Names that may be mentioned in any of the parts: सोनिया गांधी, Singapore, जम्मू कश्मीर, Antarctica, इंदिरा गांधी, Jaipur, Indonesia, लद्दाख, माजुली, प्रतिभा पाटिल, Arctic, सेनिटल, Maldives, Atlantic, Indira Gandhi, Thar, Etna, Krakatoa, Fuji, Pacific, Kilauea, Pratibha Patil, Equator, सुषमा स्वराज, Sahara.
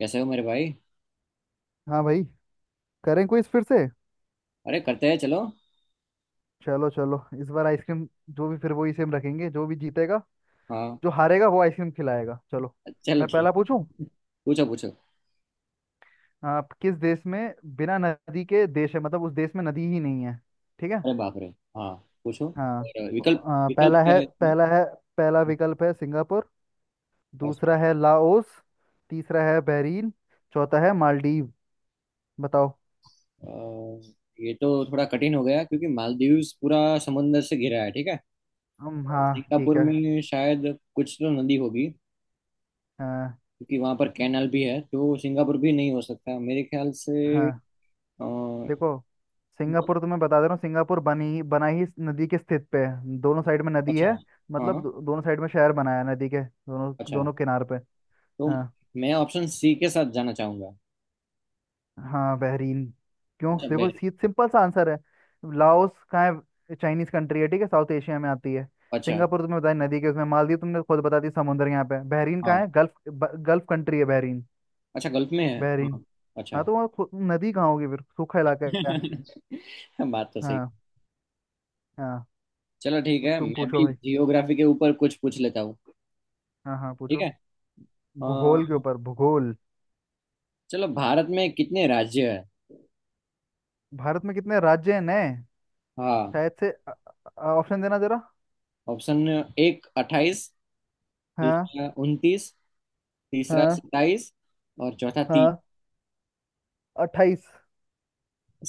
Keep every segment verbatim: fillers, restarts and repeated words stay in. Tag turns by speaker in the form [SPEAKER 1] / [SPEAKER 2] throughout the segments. [SPEAKER 1] कैसे हो मेरे भाई।
[SPEAKER 2] हाँ भाई। करें क्विज फिर से।
[SPEAKER 1] अरे करते हैं, चलो।
[SPEAKER 2] चलो चलो, इस बार आइसक्रीम जो भी, फिर वही सेम रखेंगे। जो भी जीतेगा,
[SPEAKER 1] हाँ।
[SPEAKER 2] जो हारेगा वो आइसक्रीम खिलाएगा। चलो,
[SPEAKER 1] चलो,
[SPEAKER 2] मैं पहला
[SPEAKER 1] ठीक।
[SPEAKER 2] पूछूं।
[SPEAKER 1] पूछो, पूछो।
[SPEAKER 2] आप किस देश में बिना नदी के देश है, मतलब उस देश में नदी ही नहीं है। ठीक है।
[SPEAKER 1] अरे बाप रे। हाँ, पूछो।
[SPEAKER 2] हाँ।
[SPEAKER 1] और विकल्प
[SPEAKER 2] आ,
[SPEAKER 1] विकल्प
[SPEAKER 2] पहला
[SPEAKER 1] क्या
[SPEAKER 2] है
[SPEAKER 1] है इसमें?
[SPEAKER 2] पहला है पहला विकल्प है सिंगापुर।
[SPEAKER 1] अच्छा।
[SPEAKER 2] दूसरा है लाओस। तीसरा है बहरीन। चौथा है मालदीव। बताओ।
[SPEAKER 1] अ, ये तो थोड़ा कठिन हो गया क्योंकि मालदीव्स पूरा समुंदर से घिरा है, ठीक है।
[SPEAKER 2] हम हाँ, ठीक
[SPEAKER 1] सिंगापुर
[SPEAKER 2] है।
[SPEAKER 1] में शायद कुछ तो नदी होगी।
[SPEAKER 2] हाँ
[SPEAKER 1] क्योंकि वहां पर कैनाल भी है तो सिंगापुर भी नहीं हो सकता, मेरे ख्याल से।
[SPEAKER 2] हाँ,
[SPEAKER 1] अ,
[SPEAKER 2] देखो, सिंगापुर तो मैं बता दे रहा हूँ, सिंगापुर बनी बना ही इस नदी के स्थित पे है, दोनों साइड में नदी
[SPEAKER 1] अच्छा,
[SPEAKER 2] है। मतलब
[SPEAKER 1] हाँ।
[SPEAKER 2] दो, दोनों साइड में शहर बनाया है नदी के दोनों
[SPEAKER 1] अच्छा।
[SPEAKER 2] दोनों किनार पे।
[SPEAKER 1] तो
[SPEAKER 2] हाँ
[SPEAKER 1] मैं ऑप्शन सी के साथ जाना चाहूंगा।
[SPEAKER 2] हाँ बहरीन। क्यों
[SPEAKER 1] अच्छा बे।
[SPEAKER 2] देखो, सी, सिंपल सा आंसर है। लाओस कहाँ है, चाइनीज कंट्री है, ठीक है, साउथ एशिया में आती है।
[SPEAKER 1] अच्छा,
[SPEAKER 2] सिंगापुर तुमने बताया नदी के उसमें, मालदीव तुमने खुद बता दी समुद्र यहाँ पे है। बहरीन
[SPEAKER 1] हाँ।
[SPEAKER 2] कहाँ है, गल्फ ब- गल्फ कंट्री है बहरीन।
[SPEAKER 1] अच्छा, गल्फ में है,
[SPEAKER 2] बहरीन।
[SPEAKER 1] हाँ। अच्छा।
[SPEAKER 2] हाँ तो वहाँ खु- नदी कहाँ होगी फिर, सूखा इलाका है।
[SPEAKER 1] बात तो सही।
[SPEAKER 2] हाँ। हाँ।
[SPEAKER 1] चलो, ठीक
[SPEAKER 2] अब
[SPEAKER 1] है।
[SPEAKER 2] तुम
[SPEAKER 1] मैं
[SPEAKER 2] पूछो
[SPEAKER 1] भी
[SPEAKER 2] भाई।
[SPEAKER 1] जियोग्राफी के ऊपर कुछ पूछ लेता हूँ,
[SPEAKER 2] हाँ हाँ
[SPEAKER 1] ठीक
[SPEAKER 2] पूछो।
[SPEAKER 1] है।
[SPEAKER 2] भूगोल के
[SPEAKER 1] अ,
[SPEAKER 2] ऊपर, भूगोल।
[SPEAKER 1] चलो, भारत में कितने राज्य है?
[SPEAKER 2] भारत में कितने राज्य हैं नए।
[SPEAKER 1] हाँ,
[SPEAKER 2] शायद से अ- अ- ऑप्शन देना जरा।
[SPEAKER 1] ऑप्शन एक अट्ठाईस।
[SPEAKER 2] हाँ।
[SPEAKER 1] दूसरा उनतीस। तीसरा
[SPEAKER 2] हाँ।
[SPEAKER 1] सत्ताईस। और चौथा तीन।
[SPEAKER 2] हाँ। अट्ठाईस।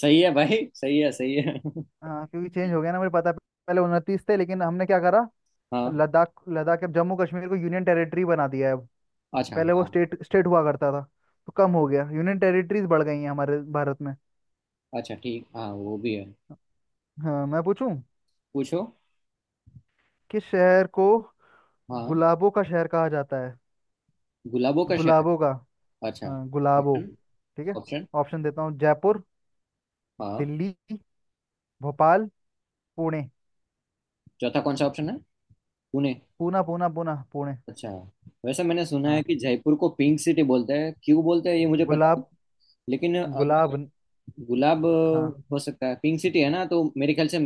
[SPEAKER 1] सही है भाई, सही है, सही है।
[SPEAKER 2] हाँ, क्योंकि चेंज हो गया ना, मुझे पता है। पहले उनतीस थे लेकिन हमने क्या करा,
[SPEAKER 1] हाँ।
[SPEAKER 2] लद्दाख लद्दाख अब जम्मू कश्मीर को यूनियन टेरिटरी बना दिया है अब।
[SPEAKER 1] अच्छा,
[SPEAKER 2] पहले वो
[SPEAKER 1] हाँ।
[SPEAKER 2] स्टेट स्टेट हुआ करता था, तो कम हो गया, यूनियन टेरिटरीज बढ़ गई हैं हमारे भारत में।
[SPEAKER 1] अच्छा, ठीक, हाँ, वो भी है।
[SPEAKER 2] हाँ मैं पूछूं।
[SPEAKER 1] पूछो।
[SPEAKER 2] किस शहर को
[SPEAKER 1] हाँ,
[SPEAKER 2] गुलाबों का शहर कहा जाता है।
[SPEAKER 1] गुलाबों का शहर।
[SPEAKER 2] गुलाबों का।
[SPEAKER 1] अच्छा।
[SPEAKER 2] हाँ गुलाबों।
[SPEAKER 1] ऑप्शन
[SPEAKER 2] ठीक है।
[SPEAKER 1] ऑप्शन
[SPEAKER 2] ऑप्शन देता हूँ, जयपुर,
[SPEAKER 1] हाँ।
[SPEAKER 2] दिल्ली, भोपाल, पुणे।
[SPEAKER 1] चौथा कौन सा ऑप्शन है? पुणे।
[SPEAKER 2] पूना पूना पूना पुणे।
[SPEAKER 1] अच्छा। वैसे मैंने सुना है
[SPEAKER 2] हाँ
[SPEAKER 1] कि जयपुर को पिंक सिटी बोलते हैं। क्यों बोलते हैं ये मुझे पता नहीं।
[SPEAKER 2] गुलाब।
[SPEAKER 1] लेकिन
[SPEAKER 2] गुलाब
[SPEAKER 1] अगर
[SPEAKER 2] न-
[SPEAKER 1] गुलाब,
[SPEAKER 2] हाँ।
[SPEAKER 1] अ, हो सकता है पिंक सिटी है ना, तो मेरे ख्याल से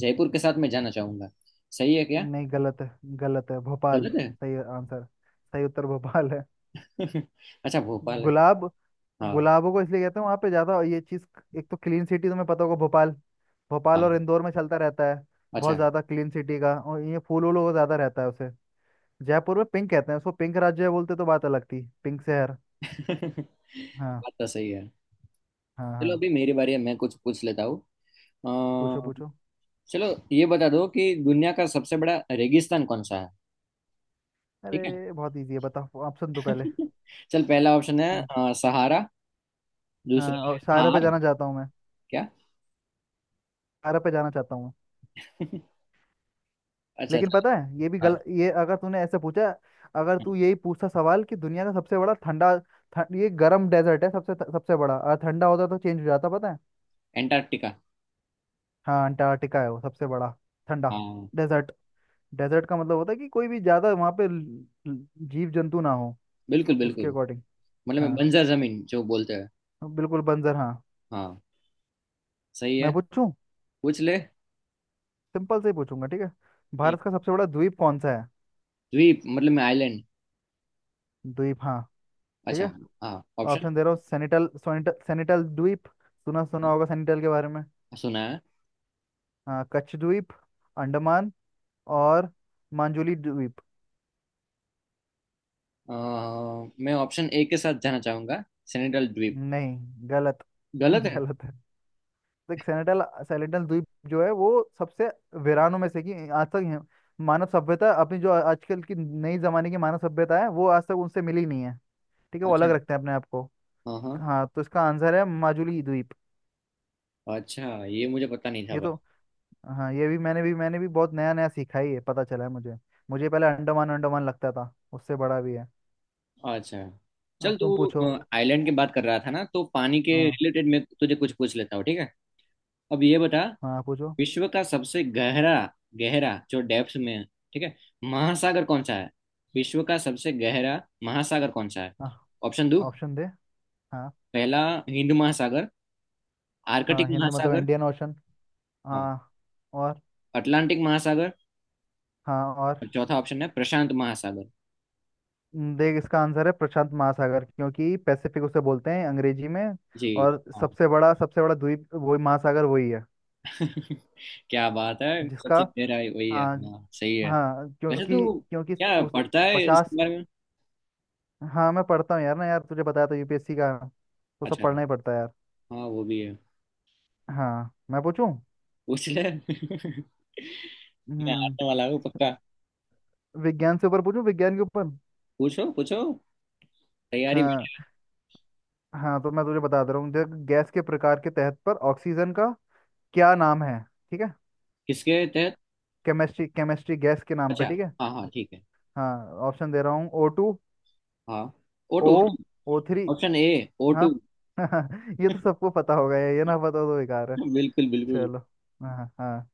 [SPEAKER 1] जयपुर के साथ मैं जाना चाहूंगा। सही है क्या?
[SPEAKER 2] नहीं गलत है। गलत है, भोपाल
[SPEAKER 1] गलत है।
[SPEAKER 2] सही आंसर। सही उत्तर भोपाल है।
[SPEAKER 1] अच्छा, भोपाल है।
[SPEAKER 2] गुलाब।
[SPEAKER 1] हाँ।
[SPEAKER 2] गुलाबों को इसलिए कहते हैं, वहां पे ज्यादा ये चीज। एक तो क्लीन सिटी तुम्हें पता होगा, भोपाल। भोपाल
[SPEAKER 1] हाँ
[SPEAKER 2] और इंदौर में चलता रहता है
[SPEAKER 1] अच्छा
[SPEAKER 2] बहुत
[SPEAKER 1] है।
[SPEAKER 2] ज्यादा क्लीन सिटी का, और ये फूल वूलों का ज्यादा रहता है उसे। जयपुर में पिंक कहते हैं उसको, पिंक राज्य बोलते तो बात अलग थी, पिंक शहर।
[SPEAKER 1] बात
[SPEAKER 2] हाँ।
[SPEAKER 1] तो सही है।
[SPEAKER 2] हाँ
[SPEAKER 1] चलो,
[SPEAKER 2] हाँ
[SPEAKER 1] अभी मेरी बारी है, मैं कुछ पूछ लेता हूँ।
[SPEAKER 2] पूछो
[SPEAKER 1] अ,
[SPEAKER 2] पूछो।
[SPEAKER 1] चलो, ये बता दो कि दुनिया का सबसे बड़ा रेगिस्तान कौन सा है? ठीक है।
[SPEAKER 2] अरे बहुत इजी है, बताओ ऑप्शन दो पहले।
[SPEAKER 1] चल, पहला ऑप्शन है
[SPEAKER 2] हम्म।
[SPEAKER 1] अ, सहारा। दूसरा
[SPEAKER 2] हाँ,
[SPEAKER 1] है
[SPEAKER 2] और शायरा पे
[SPEAKER 1] थार।
[SPEAKER 2] जाना चाहता हूँ मैं,
[SPEAKER 1] क्या?
[SPEAKER 2] अरब पे जाना चाहता हूँ।
[SPEAKER 1] अच्छा,
[SPEAKER 2] लेकिन
[SPEAKER 1] अच्छा।
[SPEAKER 2] पता है ये भी
[SPEAKER 1] हाँ
[SPEAKER 2] गलत, ये अगर तूने ऐसे पूछा। अगर
[SPEAKER 1] हाँ,
[SPEAKER 2] तू यही पूछता सवाल कि दुनिया का सबसे बड़ा ठंडा ठ- ये गर्म डेजर्ट है सबसे सबसे बड़ा, अगर ठंडा होता तो चेंज हो जाता, पता है।
[SPEAKER 1] एंटार्क्टिका।
[SPEAKER 2] हाँ अंटार्कटिका है वो सबसे बड़ा ठंडा
[SPEAKER 1] हाँ,
[SPEAKER 2] डेजर्ट। डेजर्ट का मतलब होता है कि कोई भी ज्यादा वहाँ पे ल- ल- जीव जंतु ना हो,
[SPEAKER 1] बिल्कुल,
[SPEAKER 2] तो उसके
[SPEAKER 1] बिल्कुल।
[SPEAKER 2] अकॉर्डिंग।
[SPEAKER 1] मतलब मैं
[SPEAKER 2] हाँ,
[SPEAKER 1] बंजर जमीन जो बोलते हैं।
[SPEAKER 2] बिल्कुल बंजर हाँ।
[SPEAKER 1] हाँ। सही
[SPEAKER 2] मैं
[SPEAKER 1] है।
[SPEAKER 2] पूछूं।
[SPEAKER 1] पूछ ले।
[SPEAKER 2] सिंपल से ही पूछूंगा, ठीक है।
[SPEAKER 1] ठीक।
[SPEAKER 2] भारत का सबसे बड़ा द्वीप कौन सा है।
[SPEAKER 1] द्वीप मतलब मैं आइलैंड।
[SPEAKER 2] द्वीप हाँ। ठीक
[SPEAKER 1] अच्छा।
[SPEAKER 2] है।
[SPEAKER 1] हाँ, ऑप्शन।
[SPEAKER 2] ऑप्शन दे रहा हूँ, सेनिटल सोनिटल सेनिटल द्वीप, सुना सुना
[SPEAKER 1] हाँ,
[SPEAKER 2] होगा सेनिटल के बारे में।
[SPEAKER 1] सुना है।
[SPEAKER 2] हाँ, कच्छ द्वीप, अंडमान, और मांजुली द्वीप।
[SPEAKER 1] अ, मैं ऑप्शन ए के साथ जाना चाहूंगा, सेनेटल द्वीप।
[SPEAKER 2] नहीं। गलत।
[SPEAKER 1] गलत है।
[SPEAKER 2] गलत है। देख सेनिटल, सेनिटल द्वीप जो है वो सबसे वीरानों में से कि आज तक है- मानव सभ्यता अपनी, जो आजकल की नई जमाने की मानव सभ्यता है, वो आज तक उनसे मिली नहीं है। ठीक है, वो अलग
[SPEAKER 1] अच्छा।
[SPEAKER 2] रखते हैं अपने आप को।
[SPEAKER 1] हाँ, हाँ।
[SPEAKER 2] हाँ, तो इसका आंसर है माजुली द्वीप।
[SPEAKER 1] अच्छा, ये मुझे पता नहीं था
[SPEAKER 2] ये
[SPEAKER 1] भाई।
[SPEAKER 2] तो हाँ ये भी मैंने भी मैंने भी बहुत नया नया सीखा ही है, पता चला है मुझे। मुझे पहले अंडमान अंडमान लगता था, उससे बड़ा भी है।
[SPEAKER 1] अच्छा, चल
[SPEAKER 2] अब तुम
[SPEAKER 1] तू।
[SPEAKER 2] पूछो।
[SPEAKER 1] आइलैंड की बात कर रहा था ना, तो पानी के
[SPEAKER 2] हाँ
[SPEAKER 1] रिलेटेड मैं तुझे कुछ पूछ लेता हूँ, ठीक है। अब ये बता,
[SPEAKER 2] हाँ पूछो।
[SPEAKER 1] विश्व का सबसे गहरा, गहरा जो डेप्थ में है, ठीक है, महासागर कौन सा है? विश्व का सबसे गहरा महासागर कौन सा है?
[SPEAKER 2] हाँ,
[SPEAKER 1] ऑप्शन दो।
[SPEAKER 2] ऑप्शन दे। हाँ।
[SPEAKER 1] पहला, हिंद महासागर। आर्कटिक
[SPEAKER 2] हाँ हिंद मतलब
[SPEAKER 1] महासागर।
[SPEAKER 2] Indian ocean.
[SPEAKER 1] हाँ।
[SPEAKER 2] हाँ और।
[SPEAKER 1] अटलांटिक महासागर।
[SPEAKER 2] हाँ और।
[SPEAKER 1] और चौथा ऑप्शन है प्रशांत महासागर।
[SPEAKER 2] न, देख इसका आंसर है प्रशांत महासागर, क्योंकि पैसिफिक उसे बोलते हैं अंग्रेजी में।
[SPEAKER 1] जी।
[SPEAKER 2] और
[SPEAKER 1] हाँ।
[SPEAKER 2] सबसे बड़ा सबसे बड़ा द्वीप वही, महासागर वही है
[SPEAKER 1] क्या बात है,
[SPEAKER 2] जिसका।
[SPEAKER 1] सबसे गहरा है, वही है,
[SPEAKER 2] हाँ।
[SPEAKER 1] हाँ, सही है।
[SPEAKER 2] हाँ,
[SPEAKER 1] वैसे
[SPEAKER 2] क्योंकि
[SPEAKER 1] तो
[SPEAKER 2] क्योंकि
[SPEAKER 1] क्या
[SPEAKER 2] उस,
[SPEAKER 1] पढ़ता है इसके
[SPEAKER 2] पचास।
[SPEAKER 1] बारे में?
[SPEAKER 2] हाँ मैं पढ़ता हूँ यार, ना यार, तुझे बताया था यू पी एस सी का, तो सब
[SPEAKER 1] अच्छा,
[SPEAKER 2] पढ़ना ही पड़ता है यार।
[SPEAKER 1] हाँ, वो भी है।
[SPEAKER 2] हाँ मैं पूछूं।
[SPEAKER 1] पूछ ले। मैं
[SPEAKER 2] हम्म।
[SPEAKER 1] आने वाला हूँ पक्का।
[SPEAKER 2] विज्ञान से ऊपर पूछूं, विज्ञान के ऊपर।
[SPEAKER 1] पूछो, पूछो। तैयारी।
[SPEAKER 2] हाँ हाँ, तो मैं तुझे बता दे रहा हूँ, देख गैस के प्रकार के तहत पर ऑक्सीजन का क्या नाम है। ठीक है।
[SPEAKER 1] किसके तहत?
[SPEAKER 2] केमिस्ट्री केमिस्ट्री, गैस के नाम पे,
[SPEAKER 1] अच्छा,
[SPEAKER 2] ठीक है।
[SPEAKER 1] हाँ, हाँ, ठीक है।
[SPEAKER 2] हाँ ऑप्शन दे रहा हूँ, ओ टू,
[SPEAKER 1] हाँ, O
[SPEAKER 2] O
[SPEAKER 1] two
[SPEAKER 2] O three.
[SPEAKER 1] Option A, O
[SPEAKER 2] हाँ।
[SPEAKER 1] टू
[SPEAKER 2] ये तो सबको पता होगा, ये ये ना पता हो तो बेकार है।
[SPEAKER 1] बिल्कुल, बिल्कुल।
[SPEAKER 2] चलो। हाँ हाँ।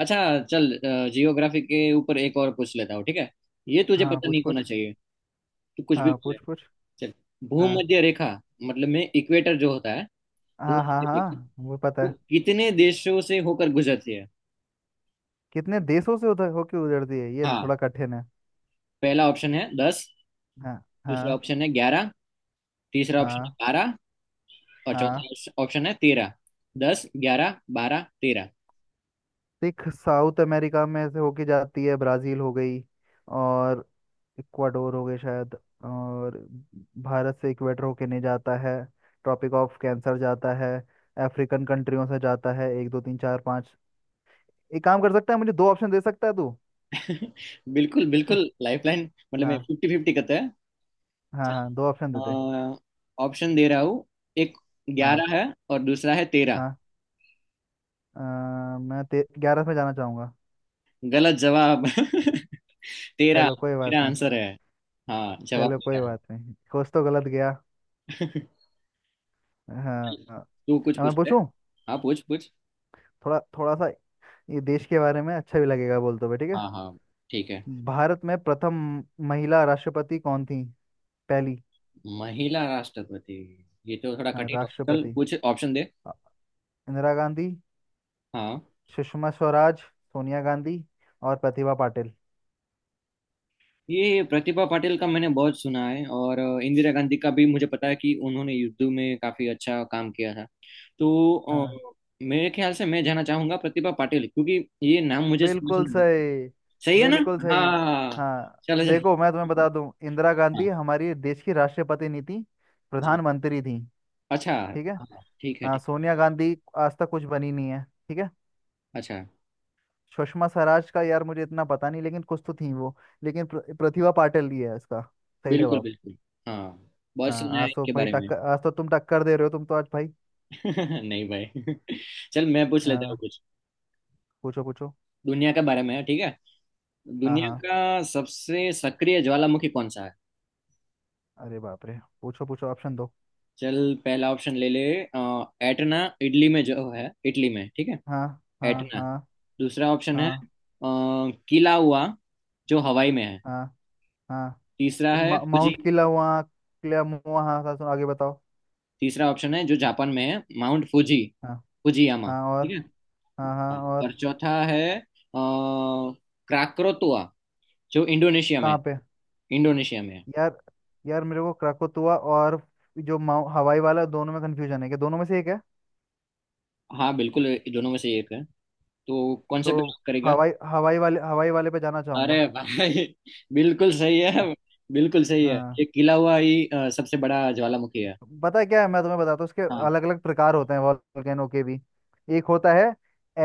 [SPEAKER 1] अच्छा। चल, जियोग्राफी के ऊपर एक और पूछ लेता हूँ, ठीक है। ये तुझे
[SPEAKER 2] हाँ
[SPEAKER 1] पता
[SPEAKER 2] पूछ
[SPEAKER 1] नहीं होना
[SPEAKER 2] पूछ।
[SPEAKER 1] चाहिए। तू कुछ भी
[SPEAKER 2] हाँ
[SPEAKER 1] बोले।
[SPEAKER 2] पूछ पूछ।
[SPEAKER 1] चल,
[SPEAKER 2] हाँ
[SPEAKER 1] भूमध्य रेखा, मतलब में इक्वेटर जो होता है।
[SPEAKER 2] हाँ हाँ,
[SPEAKER 1] भूमध्य रेखा
[SPEAKER 2] हाँ वो पता
[SPEAKER 1] वो
[SPEAKER 2] है।
[SPEAKER 1] कितने देशों से होकर गुजरती है?
[SPEAKER 2] कितने देशों से उधर होके उधरती है, ये
[SPEAKER 1] हाँ।
[SPEAKER 2] थोड़ा कठिन है।
[SPEAKER 1] पहला ऑप्शन है दस।
[SPEAKER 2] हाँ।
[SPEAKER 1] दूसरा
[SPEAKER 2] हाँ।
[SPEAKER 1] ऑप्शन है ग्यारह। तीसरा ऑप्शन
[SPEAKER 2] हाँ।
[SPEAKER 1] है बारह। और
[SPEAKER 2] हाँ।
[SPEAKER 1] चौथा ऑप्शन है तेरह। दस, ग्यारह, बारह, तेरह।
[SPEAKER 2] सिख साउथ अमेरिका में से होके जाती है, ब्राजील हो गई, और इक्वाडोर हो गई शायद। और भारत से इक्वेटर होके नहीं जाता है, ट्रॉपिक ऑफ कैंसर जाता है। अफ्रीकन कंट्रियों से जाता है, एक दो तीन चार पाँच। एक काम कर सकता है, मुझे दो ऑप्शन दे सकता है तू।
[SPEAKER 1] बिल्कुल, बिल्कुल। लाइफलाइन मतलब मैं
[SPEAKER 2] हाँ।
[SPEAKER 1] फिफ्टी फिफ्टी करता है।
[SPEAKER 2] हाँ
[SPEAKER 1] चल,
[SPEAKER 2] हाँ, दो ऑप्शन दे दे।
[SPEAKER 1] ऑप्शन दे रहा हूँ। एक,
[SPEAKER 2] हाँ।
[SPEAKER 1] ग्यारह है। और दूसरा है तेरह।
[SPEAKER 2] हाँ अ, मैं ग्यारह में जाना चाहूंगा।
[SPEAKER 1] गलत जवाब। तेरह।
[SPEAKER 2] चलो कोई बात
[SPEAKER 1] तेरा
[SPEAKER 2] नहीं।
[SPEAKER 1] आंसर है। हाँ,
[SPEAKER 2] चलो
[SPEAKER 1] जवाब
[SPEAKER 2] कोई
[SPEAKER 1] तेरह
[SPEAKER 2] बात नहीं, कुछ तो गलत गया।
[SPEAKER 1] है।
[SPEAKER 2] हाँ। हाँ।
[SPEAKER 1] तू कुछ
[SPEAKER 2] अब मैं
[SPEAKER 1] पूछते।
[SPEAKER 2] पूछूं।
[SPEAKER 1] हाँ, पूछ, पूछ।
[SPEAKER 2] थोड़ा थोड़ा सा ये देश के बारे में, अच्छा भी लगेगा बोल तो भाई, ठीक है।
[SPEAKER 1] हाँ, हाँ, ठीक है।
[SPEAKER 2] भारत में प्रथम महिला राष्ट्रपति कौन थी, पहली।
[SPEAKER 1] महिला राष्ट्रपति। ये तो थोड़ा
[SPEAKER 2] हाँ,
[SPEAKER 1] कठिन है। चल,
[SPEAKER 2] राष्ट्रपति।
[SPEAKER 1] कुछ ऑप्शन दे।
[SPEAKER 2] अ, इंदिरा गांधी,
[SPEAKER 1] हाँ।
[SPEAKER 2] सुषमा स्वराज, सोनिया गांधी, और प्रतिभा पाटिल।
[SPEAKER 1] ये प्रतिभा पाटिल का मैंने बहुत सुना है, और इंदिरा गांधी का भी मुझे पता है कि उन्होंने युद्ध में काफी अच्छा काम किया था। तो
[SPEAKER 2] हाँ,
[SPEAKER 1] अ, मेरे ख्याल से मैं जाना चाहूंगा प्रतिभा पाटिल, क्योंकि ये नाम मुझे समझ
[SPEAKER 2] बिल्कुल
[SPEAKER 1] नहीं लगता।
[SPEAKER 2] सही।
[SPEAKER 1] सही है ना?
[SPEAKER 2] बिल्कुल सही।
[SPEAKER 1] हाँ।
[SPEAKER 2] हाँ।
[SPEAKER 1] चलो जा।
[SPEAKER 2] देखो मैं तुम्हें बता दूं, इंदिरा
[SPEAKER 1] हाँ,
[SPEAKER 2] गांधी हमारी देश की राष्ट्रपति नहीं थी,
[SPEAKER 1] जी।
[SPEAKER 2] प्रधानमंत्री थी।
[SPEAKER 1] अच्छा है।
[SPEAKER 2] ठीक है।
[SPEAKER 1] हाँ, ठीक है,
[SPEAKER 2] हाँ
[SPEAKER 1] ठीक।
[SPEAKER 2] सोनिया गांधी आज तक कुछ बनी नहीं है, ठीक है।
[SPEAKER 1] अच्छा।
[SPEAKER 2] सुषमा स्वराज का यार मुझे इतना पता नहीं, लेकिन कुछ तो थी वो। लेकिन प्र, प्रतिभा पाटिल ही है इसका सही
[SPEAKER 1] बिल्कुल,
[SPEAKER 2] जवाब।
[SPEAKER 1] बिल्कुल। हाँ। बहुत सुना
[SPEAKER 2] हाँ,
[SPEAKER 1] है
[SPEAKER 2] आज तो
[SPEAKER 1] इनके
[SPEAKER 2] भाई
[SPEAKER 1] बारे में।
[SPEAKER 2] टक्कर, आज तो तुम टक्कर दे रहे हो, तुम तो आज भाई।
[SPEAKER 1] नहीं भाई। चल, मैं पूछ लेता हूँ
[SPEAKER 2] हाँ
[SPEAKER 1] कुछ।
[SPEAKER 2] पूछो पूछो।
[SPEAKER 1] दुनिया के बारे में, ठीक है।
[SPEAKER 2] हाँ
[SPEAKER 1] दुनिया
[SPEAKER 2] हाँ।
[SPEAKER 1] का सबसे सक्रिय ज्वालामुखी कौन सा है?
[SPEAKER 2] अरे बाप रे, पूछो पूछो ऑप्शन दो।
[SPEAKER 1] चल, पहला ऑप्शन ले ले, अ, एटना, इटली में जो है, इटली में, ठीक है।
[SPEAKER 2] हाँ। हाँ
[SPEAKER 1] एटना।
[SPEAKER 2] हाँ।
[SPEAKER 1] दूसरा ऑप्शन है अ,
[SPEAKER 2] हाँ
[SPEAKER 1] किला हुआ, जो हवाई में है।
[SPEAKER 2] हाँ हाँ
[SPEAKER 1] तीसरा है
[SPEAKER 2] मा-
[SPEAKER 1] फुजी।
[SPEAKER 2] माउंट किला वहाँ किला मुआ हाँ हाँ सुनो आगे बताओ
[SPEAKER 1] तीसरा ऑप्शन है जो जापान में है, माउंट फुजी,
[SPEAKER 2] हाँ।
[SPEAKER 1] फुजियामा।
[SPEAKER 2] हाँ और।
[SPEAKER 1] ठीक है।
[SPEAKER 2] हाँ हाँ
[SPEAKER 1] हाँ। और
[SPEAKER 2] और।
[SPEAKER 1] चौथा है अ, क्राक्रोतुआ, जो इंडोनेशिया में
[SPEAKER 2] कहाँ
[SPEAKER 1] है।
[SPEAKER 2] पे।
[SPEAKER 1] इंडोनेशिया में है।
[SPEAKER 2] यार, यार मेरे को क्राकोतुआ और जो माउ- हवाई वाला, दोनों में कंफ्यूजन है, कि दोनों में से एक है।
[SPEAKER 1] हाँ बिल्कुल, ये दोनों में से एक है। तो कौन
[SPEAKER 2] तो
[SPEAKER 1] से पे lock करेगा?
[SPEAKER 2] हवाई, हवाई वाले हवाई वाले पे जाना चाहूंगा।
[SPEAKER 1] अरे भाई! बिल्कुल सही है। बिल्कुल सही है,
[SPEAKER 2] हाँ,
[SPEAKER 1] ये किला हुआ ही अ, सबसे बड़ा ज्वालामुखी है।
[SPEAKER 2] पता है क्या है, मैं तुम्हें बताता हूँ, उसके
[SPEAKER 1] हाँ।
[SPEAKER 2] अलग अलग प्रकार होते हैं वॉल्केनो के भी। एक होता है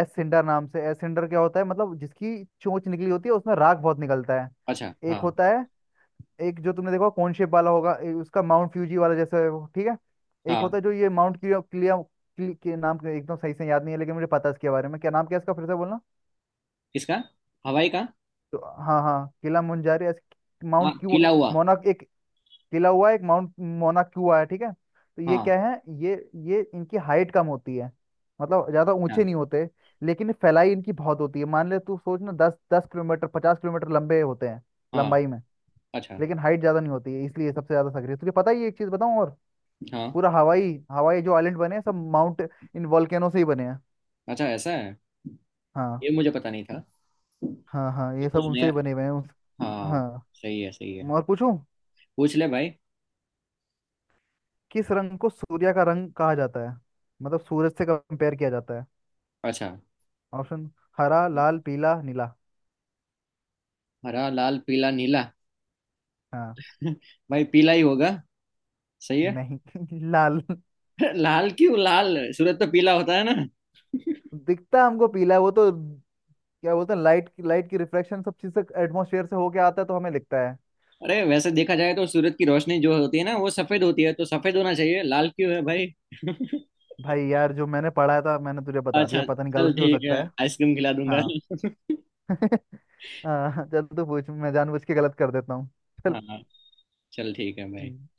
[SPEAKER 2] एसेंडर नाम से। एसेंडर क्या होता है, मतलब जिसकी चोंच निकली होती है, उसमें राख बहुत निकलता है।
[SPEAKER 1] अच्छा, हाँ।
[SPEAKER 2] एक होता है, एक जो तुमने देखा कौन शेप वाला होगा ए- उसका माउंट फ्यूजी वाला जैसा है वो, ठीक है। एक
[SPEAKER 1] हाँ,
[SPEAKER 2] होता है जो ये माउंट क्लिया क्लिया क्लि- के नाम के एकदम सही से याद नहीं है, लेकिन मुझे पता है इसके बारे में, क्या नाम क्या है इसका, फिर से बोलना।
[SPEAKER 1] किसका? हवाई का।
[SPEAKER 2] तो हाँ हाँ, किला मुंजारी, ऐसे-
[SPEAKER 1] हाँ,
[SPEAKER 2] माउंट क्यू,
[SPEAKER 1] किला हुआ।
[SPEAKER 2] मोना, एक किला हुआ है, एक माउंट मोना क्यू आया, ठीक है। तो ये
[SPEAKER 1] हाँ,
[SPEAKER 2] क्या है, ये ये इनकी हाइट कम होती है, मतलब ज्यादा ऊंचे
[SPEAKER 1] हाँ,
[SPEAKER 2] नहीं होते, लेकिन फैलाई इनकी बहुत होती है। मान ले तू सोच ना, दस दस किलोमीटर, पचास किलोमीटर लंबे होते हैं
[SPEAKER 1] हाँ।
[SPEAKER 2] लंबाई में।
[SPEAKER 1] अच्छा।
[SPEAKER 2] लेकिन हाइट ज्यादा नहीं होती है, इसलिए सबसे ज्यादा सक्रिय तुझे पता ही है, एक चीज बताऊं और।
[SPEAKER 1] हाँ।
[SPEAKER 2] पूरा हवाई, हवाई जो आइलैंड बने हैं, सब माउंट, इन वॉल्केनो से ही बने हैं।
[SPEAKER 1] अच्छा, ऐसा है।
[SPEAKER 2] हाँ।
[SPEAKER 1] ये मुझे पता नहीं था।
[SPEAKER 2] हाँ हाँ,
[SPEAKER 1] ये
[SPEAKER 2] ये
[SPEAKER 1] कुछ
[SPEAKER 2] सब उनसे
[SPEAKER 1] नया।
[SPEAKER 2] ही बने हुए हैं उस। हाँ,
[SPEAKER 1] हाँ। सही है, सही है।
[SPEAKER 2] और पूछूं।
[SPEAKER 1] पूछ ले भाई।
[SPEAKER 2] किस रंग को सूर्य का रंग कहा जाता है, मतलब सूरज से कंपेयर किया जाता है।
[SPEAKER 1] अच्छा।
[SPEAKER 2] ऑप्शन, हरा, लाल, पीला, नीला।
[SPEAKER 1] हरा, लाल, पीला, नीला।
[SPEAKER 2] हाँ।
[SPEAKER 1] भाई, पीला ही होगा। सही है।
[SPEAKER 2] नहीं। लाल।
[SPEAKER 1] लाल? क्यों? लाल, सूरज तो पीला होता है ना।
[SPEAKER 2] दिखता हमको पीला है, वो तो क्या बोलते हैं, लाइट की लाइट की रिफ्लेक्शन सब चीज से एटमोसफेयर से होके आता है, तो हमें लिखता है।
[SPEAKER 1] अरे वैसे देखा जाए तो सूरज की रोशनी जो होती है ना, वो सफेद होती है, तो सफेद होना चाहिए। लाल क्यों है भाई?
[SPEAKER 2] भाई यार, जो मैंने पढ़ा था मैंने तुझे बता दिया,
[SPEAKER 1] अच्छा।
[SPEAKER 2] पता नहीं
[SPEAKER 1] चल,
[SPEAKER 2] गलत भी हो
[SPEAKER 1] ठीक
[SPEAKER 2] सकता
[SPEAKER 1] है,
[SPEAKER 2] है।
[SPEAKER 1] आइसक्रीम खिला दूंगा।
[SPEAKER 2] हाँ। हाँ चल तू पूछ, मैं जानबूझ के गलत कर देता हूँ।
[SPEAKER 1] हाँ, चल, ठीक है भाई।
[SPEAKER 2] चल।